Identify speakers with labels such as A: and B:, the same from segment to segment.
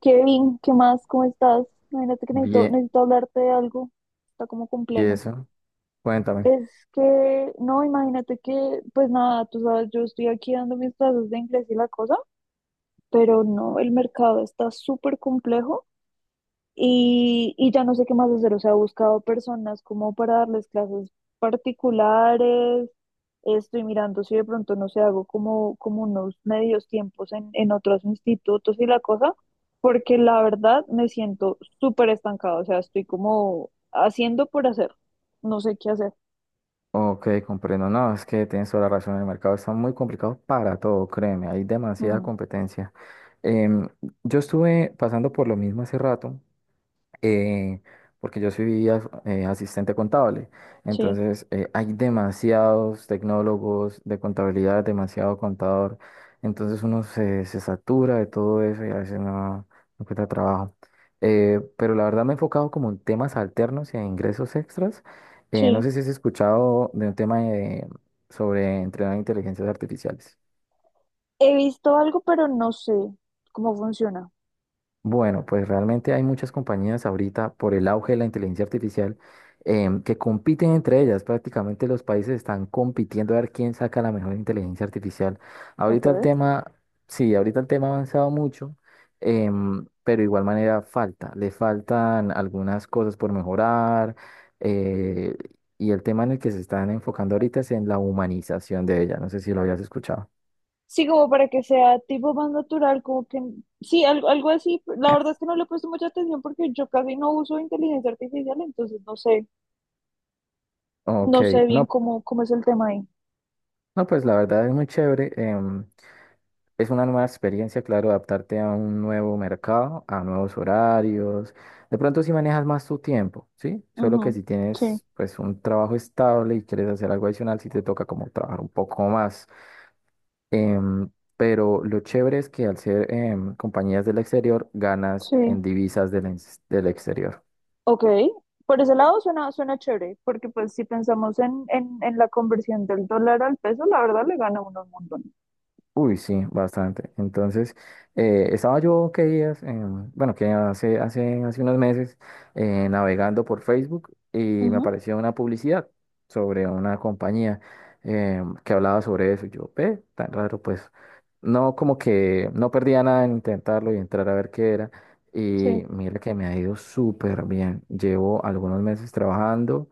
A: Kevin, ¿qué más? ¿Cómo estás? Imagínate que necesito,
B: Bien,
A: necesito hablarte de algo. Está como
B: ¿y
A: complejo.
B: eso? Cuéntame.
A: Es que, no, imagínate que, pues nada, tú sabes, yo estoy aquí dando mis clases de inglés y la cosa, pero no, el mercado está súper complejo y, ya no sé qué más hacer, o sea, he buscado personas como para darles clases particulares, estoy mirando si de pronto no sé, hago como, como unos medios tiempos en otros institutos y la cosa, porque la verdad me siento súper estancada, o sea, estoy como haciendo por hacer, no sé qué hacer.
B: Ok, comprendo. No, es que tienes toda la razón. El mercado está muy complicado para todo, créeme. Hay demasiada
A: Mm,
B: competencia. Em, yo estuve pasando por lo mismo hace rato eh, porque yo soy asistente contable.
A: sí,
B: Entonces, hay demasiados tecnólogos de contabilidad, demasiado contador. Entonces, uno se satura de todo eso y a veces no encuentra trabajo. Pero la verdad me he enfocado como en temas alternos y en ingresos extras. No
A: sí.
B: sé si has escuchado de un tema de- sobre entrenar inteligencias artificiales.
A: He visto algo, pero no sé cómo funciona.
B: Bueno, pues realmente hay muchas compañías ahorita por el auge de la inteligencia artificial que compiten entre ellas. Prácticamente los países están compitiendo a ver quién saca la mejor inteligencia artificial.
A: Ok.
B: Ahorita el tema, sí, ahorita el tema ha avanzado mucho, pero de igual manera falta. Le faltan algunas cosas por mejorar eh, y el tema en el que se están enfocando ahorita es en la humanización de ella. No sé si lo habías escuchado.
A: Sí, como para que sea tipo más natural, como que sí, algo, algo así. La verdad es que no le he puesto mucha atención porque yo casi no uso inteligencia artificial, entonces no sé,
B: Ok,
A: no sé bien
B: no,
A: cómo, cómo es el tema ahí.
B: no, pues la verdad es muy chévere. Es una nueva experiencia, claro, adaptarte a un nuevo mercado, a nuevos horarios. De pronto si manejas más tu tiempo, ¿sí? Solo que
A: Ujú,
B: si
A: sí,
B: tienes pues un trabajo estable y quieres hacer algo adicional, sí te toca como trabajar un poco más. Em, pero lo chévere es que al ser compañías del exterior, ganas
A: sí.
B: en divisas del exterior.
A: Ok. Por ese lado suena, suena chévere, porque pues si pensamos en, en la conversión del dólar al peso, la verdad le gana uno un montón.
B: Uy, sí, bastante. Entonces, estaba yo que días, bueno, que hace unos meses, navegando por Facebook y me
A: Ujú,
B: apareció una publicidad sobre una compañía que hablaba sobre eso. Y yo, ve, tan raro, pues, no como que no perdía nada en intentarlo y entrar a ver qué era.
A: sí,
B: Y mira que me ha ido súper bien. Llevo algunos meses trabajando,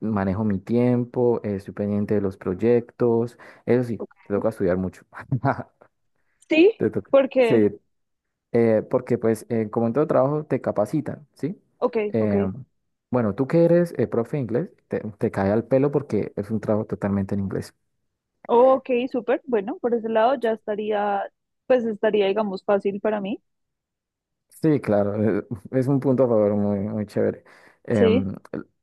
B: manejo mi tiempo, estoy pendiente de los proyectos. Eso sí,
A: ok.
B: te toca estudiar mucho. Ajá.
A: Sí,
B: Te toca.
A: porque,
B: Sí, porque pues como en todo trabajo te capacitan, ¿sí?
A: ok, ok.
B: Eh, bueno, tú que eres profe de inglés, te cae al pelo porque es un trabajo totalmente en inglés.
A: Ok, súper. Bueno, por ese lado ya estaría, pues estaría, digamos, fácil para mí.
B: Sí, claro, es un punto a favor muy, muy chévere.
A: Sí,
B: Em,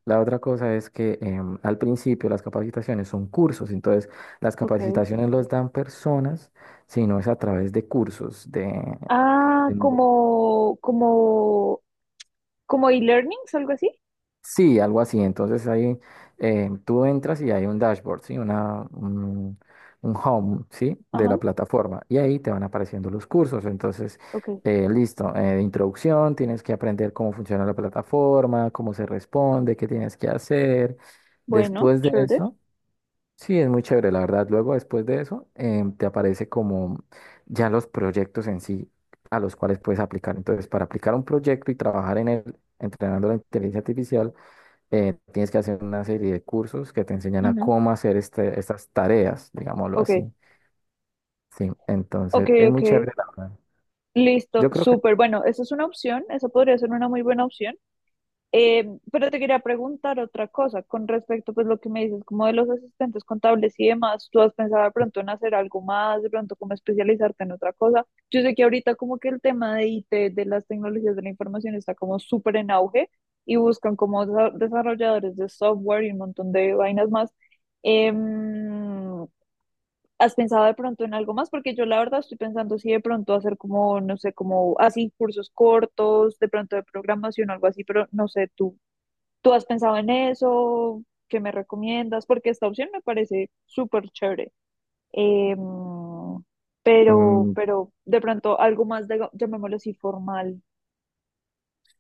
B: la otra cosa es que al principio las capacitaciones son cursos, entonces las
A: ok.
B: capacitaciones los dan personas, sino es a través de cursos,
A: Ah,
B: de-
A: como, como, como e-learnings, algo así.
B: Sí, algo así. Entonces ahí tú entras y hay un dashboard, ¿sí? Un home, ¿sí? De
A: Ajá,
B: la plataforma. Y ahí te van apareciendo los cursos. Entonces,
A: ok.
B: listo, de introducción, tienes que aprender cómo funciona la plataforma, cómo se responde, qué tienes que hacer.
A: Bueno,
B: Después de
A: chévere.
B: eso, sí, es muy chévere, la verdad. Luego, después de eso, te aparece como ya los proyectos en sí a los cuales puedes aplicar. Entonces, para aplicar un proyecto y trabajar en él, entrenando la inteligencia artificial, tienes que hacer una serie de cursos que te enseñan a
A: Ujú.
B: cómo hacer estas tareas, digámoslo
A: Ok,
B: así. Sí,
A: ok,
B: entonces es
A: ok.
B: muy chévere, la verdad.
A: Listo,
B: Yo creo que,
A: súper. Bueno, esa es una opción, esa podría ser una muy buena opción. Eh, pero te quería preguntar otra cosa con respecto, pues lo que me dices, como de los asistentes contables y demás, ¿tú has pensado de pronto en hacer algo más, de pronto como especializarte en otra cosa? Yo sé que ahorita como que el tema de IT, de las tecnologías de la información está como súper en auge y buscan como desarrolladores de software y un montón de vainas más. Em, ¿Has pensado de pronto en algo más? Porque yo la verdad estoy pensando si de pronto hacer como, no sé, como así cursos cortos, de pronto de programación o algo así, pero no sé tú. ¿Tú has pensado en eso? ¿Qué me recomiendas? Porque esta opción me parece súper chévere. Em, pero,
B: mm,
A: pero de pronto algo más, de, llamémoslo así, formal.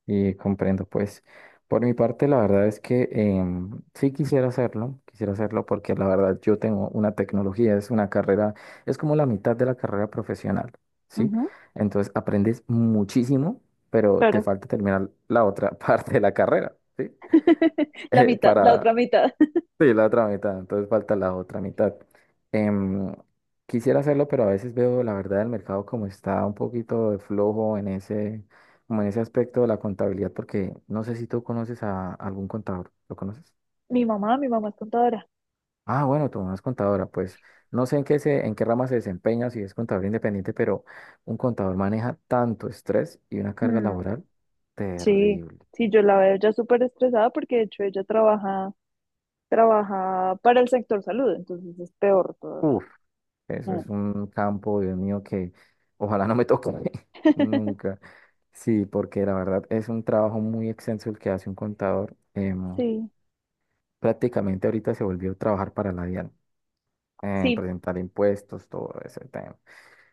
B: y comprendo, pues, por mi parte, la verdad es que sí quisiera hacerlo porque la verdad yo tengo una tecnología, es una carrera, es como la mitad de la carrera profesional, ¿sí?
A: Ujú,
B: Entonces aprendes muchísimo, pero te
A: claro,
B: falta terminar la otra parte de la carrera, ¿sí?
A: la mitad, la
B: Para
A: otra mitad.
B: Sí, la otra mitad, entonces falta la otra mitad. Em, Quisiera hacerlo, pero a veces veo la verdad del mercado como está un poquito de flojo en ese, como en ese aspecto de la contabilidad, porque no sé si tú conoces a algún contador. ¿Lo conoces?
A: Mi mamá es contadora.
B: Ah, bueno, tu mamá es contadora, pues no sé en qué en qué rama se desempeña, si es contador independiente, pero un contador maneja tanto estrés y una carga
A: Mm,
B: laboral
A: sí,
B: terrible.
A: sí, yo la veo ya súper estresada porque de hecho ella trabaja, trabaja para el sector salud, entonces es peor todavía.
B: ¡Uf! Eso
A: Mm,
B: es un campo, Dios mío, que ojalá no me toque nunca. Sí, porque la verdad es un trabajo muy extenso el que hace un contador.
A: sí,
B: Prácticamente ahorita se volvió a trabajar para la DIAN,
A: sí.
B: presentar impuestos, todo ese tema.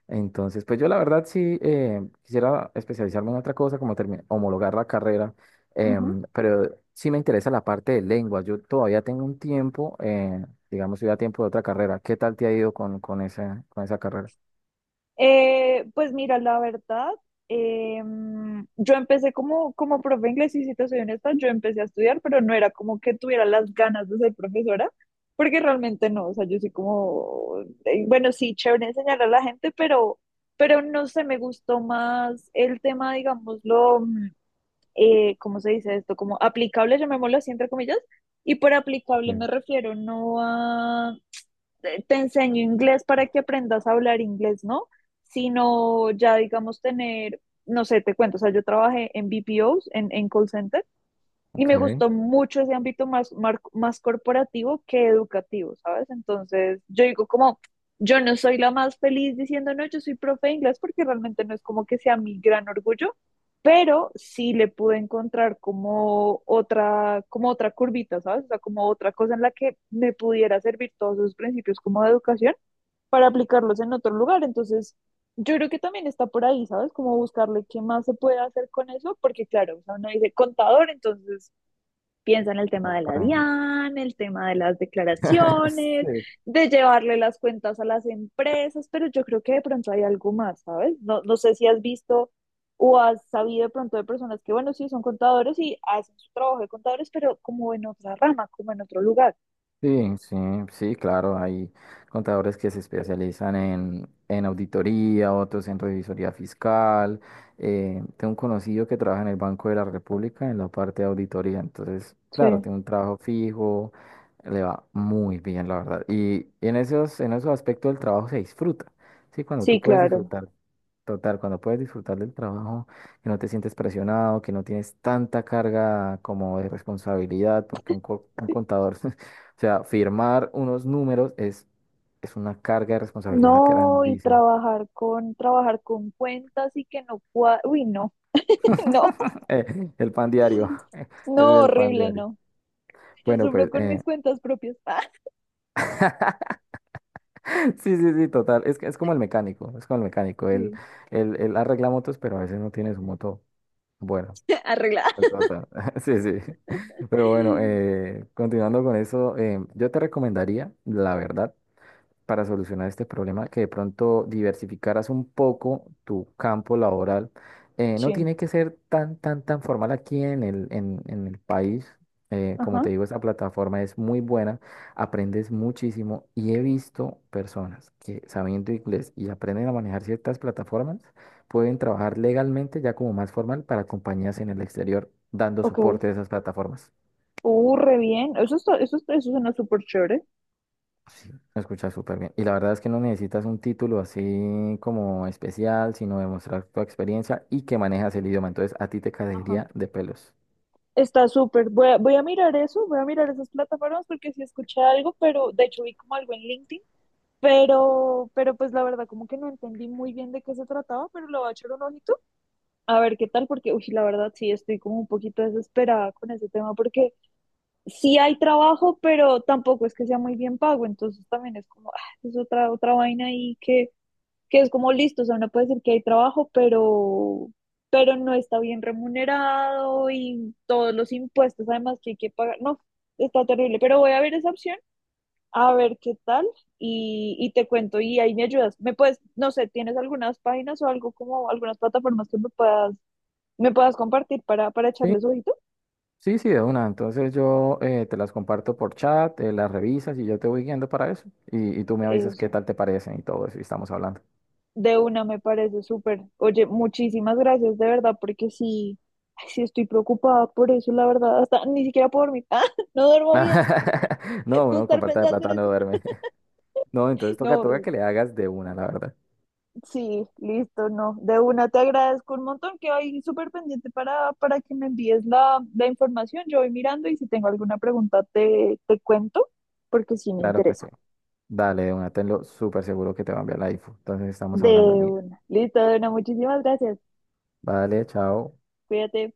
B: Entonces, pues yo la verdad sí quisiera especializarme en otra cosa, como termi- homologar la carrera, pero sí me interesa la parte de lengua. Yo todavía tengo un tiempo, digamos, yo ya tiempo de otra carrera. ¿Qué tal te ha ido con esa carrera?
A: Pues mira, la verdad, eh, yo empecé como, como profe de inglés y si te soy honesta, yo empecé a estudiar, pero no era como que tuviera las ganas de ser profesora, porque realmente no, o sea, yo soy como, bueno, sí, chévere enseñar a la gente, pero no sé, me gustó más el tema, digámoslo, ¿cómo se dice esto? Como aplicable, llamémoslo así, entre comillas, y por aplicable me refiero no a te enseño inglés para que aprendas a hablar inglés, ¿no? Sino ya, digamos, tener, no sé, te cuento, o sea, yo trabajé en BPOs, en call centers y me
B: Ok.
A: gustó mucho ese ámbito más, más corporativo que educativo, ¿sabes? Entonces, yo digo como, yo no soy la más feliz diciendo, no, yo soy profe de inglés porque realmente no es como que sea mi gran orgullo, pero sí le pude encontrar como otra curvita, ¿sabes? O sea, como otra cosa en la que me pudiera servir todos esos principios como de educación para aplicarlos en otro lugar. Entonces, yo creo que también está por ahí, ¿sabes? Como buscarle qué más se puede hacer con eso, porque claro, o sea, uno dice contador, entonces piensa en el tema
B: Como
A: de la
B: para-
A: DIAN, el tema de las declaraciones,
B: Sí.
A: de llevarle las cuentas a las empresas, pero yo creo que de pronto hay algo más, ¿sabes? No, no sé si has visto o has sabido de pronto de personas que, bueno, sí, son contadores y hacen su trabajo de contadores, pero como en otra rama, como en otro lugar.
B: Sí, sí, sí, claro, hay contadores que se especializan en auditoría, otros en revisoría fiscal. Tengo un conocido que trabaja en el Banco de la República en la parte de auditoría, entonces, claro,
A: Sí,
B: tiene un trabajo fijo, le va muy bien, la verdad. Y en esos aspectos del trabajo se disfruta, ¿sí? Cuando tú
A: sí,
B: puedes
A: claro.
B: disfrutar, total, cuando puedes disfrutar del trabajo, que no te sientes presionado, que no tienes tanta carga como de responsabilidad, porque un
A: Sí.
B: contador... O sea, firmar unos números es una carga de responsabilidad
A: No, y
B: grandísima.
A: trabajar con cuentas y que no uy, no, no,
B: Eh, el pan diario, ese es
A: no,
B: el pan
A: horrible,
B: diario.
A: no. Yo
B: Bueno,
A: sufro
B: pues
A: con mis cuentas propias.
B: sí, sí, sí, total. Es, que es como el mecánico, es como el mecánico.
A: Sí.
B: Él arregla motos, pero a veces no tiene su moto. Bueno,
A: Arreglada.
B: total. Sí, sí. Pero bueno, continuando con eso, yo te recomendaría, la verdad, para solucionar este problema, que de pronto diversificaras un poco tu campo laboral. No
A: Sí,
B: tiene que ser tan, tan, tan formal aquí en el país. Como
A: ajá,
B: te digo, esta plataforma es muy buena, aprendes muchísimo y he visto personas que sabiendo inglés y aprenden a manejar ciertas plataformas, pueden trabajar legalmente ya como más formal para compañías en el exterior dando
A: ok.
B: soporte a esas plataformas.
A: Re bien. Eso está, eso suena súper chévere.
B: Se escucha súper bien. Y la verdad es que no necesitas un título así como especial, sino demostrar tu experiencia y que manejas el idioma. Entonces, a ti te
A: Ajá.
B: caería de pelos.
A: Está súper. Voy a mirar eso, voy a mirar esas plataformas porque sí escuché algo, pero de hecho vi como algo en LinkedIn, pero pues la verdad como que no entendí muy bien de qué se trataba, pero le voy a echar un ojito a ver qué tal, porque uy, la verdad sí estoy como un poquito desesperada con ese tema porque sí hay trabajo, pero tampoco es que sea muy bien pago, entonces también es como, ah, es otra, otra vaina ahí que es como listo, o sea, uno puede decir que hay trabajo, pero no está bien remunerado y todos los impuestos además que hay que pagar, no, está terrible, pero voy a ver esa opción, a ver qué tal y, te cuento y ahí me ayudas, me puedes, no sé, tienes algunas páginas o algo como algunas plataformas que me puedas compartir para
B: Sí,
A: echarles ojito,
B: sí, sí, de una. Entonces, yo te las comparto por chat, las revisas y yo te voy guiando para eso. Y tú me avisas qué
A: eso.
B: tal te parecen y todo eso. Y estamos hablando.
A: De una me parece súper. Oye, muchísimas gracias de verdad, porque sí, ay, sí estoy preocupada por eso, la verdad, hasta ni siquiera puedo dormir. Ah, no duermo bien
B: No,
A: de
B: uno con
A: estar
B: falta de
A: pensando en
B: plata no
A: eso.
B: duerme. No, entonces
A: No,
B: toca que
A: horrible.
B: le hagas de una, la verdad.
A: Sí, listo, no. De una te agradezco un montón, que hoy súper pendiente para que me envíes la, la información. Yo voy mirando y si tengo alguna pregunta te, te cuento, porque sí me
B: Claro que sí.
A: interesa.
B: Dale, de una. Tenlo súper seguro que te va a enviar la info. Entonces, estamos
A: De
B: hablando, niña.
A: una. Listo, de una, muchísimas gracias.
B: Vale, chao.
A: Cuídate.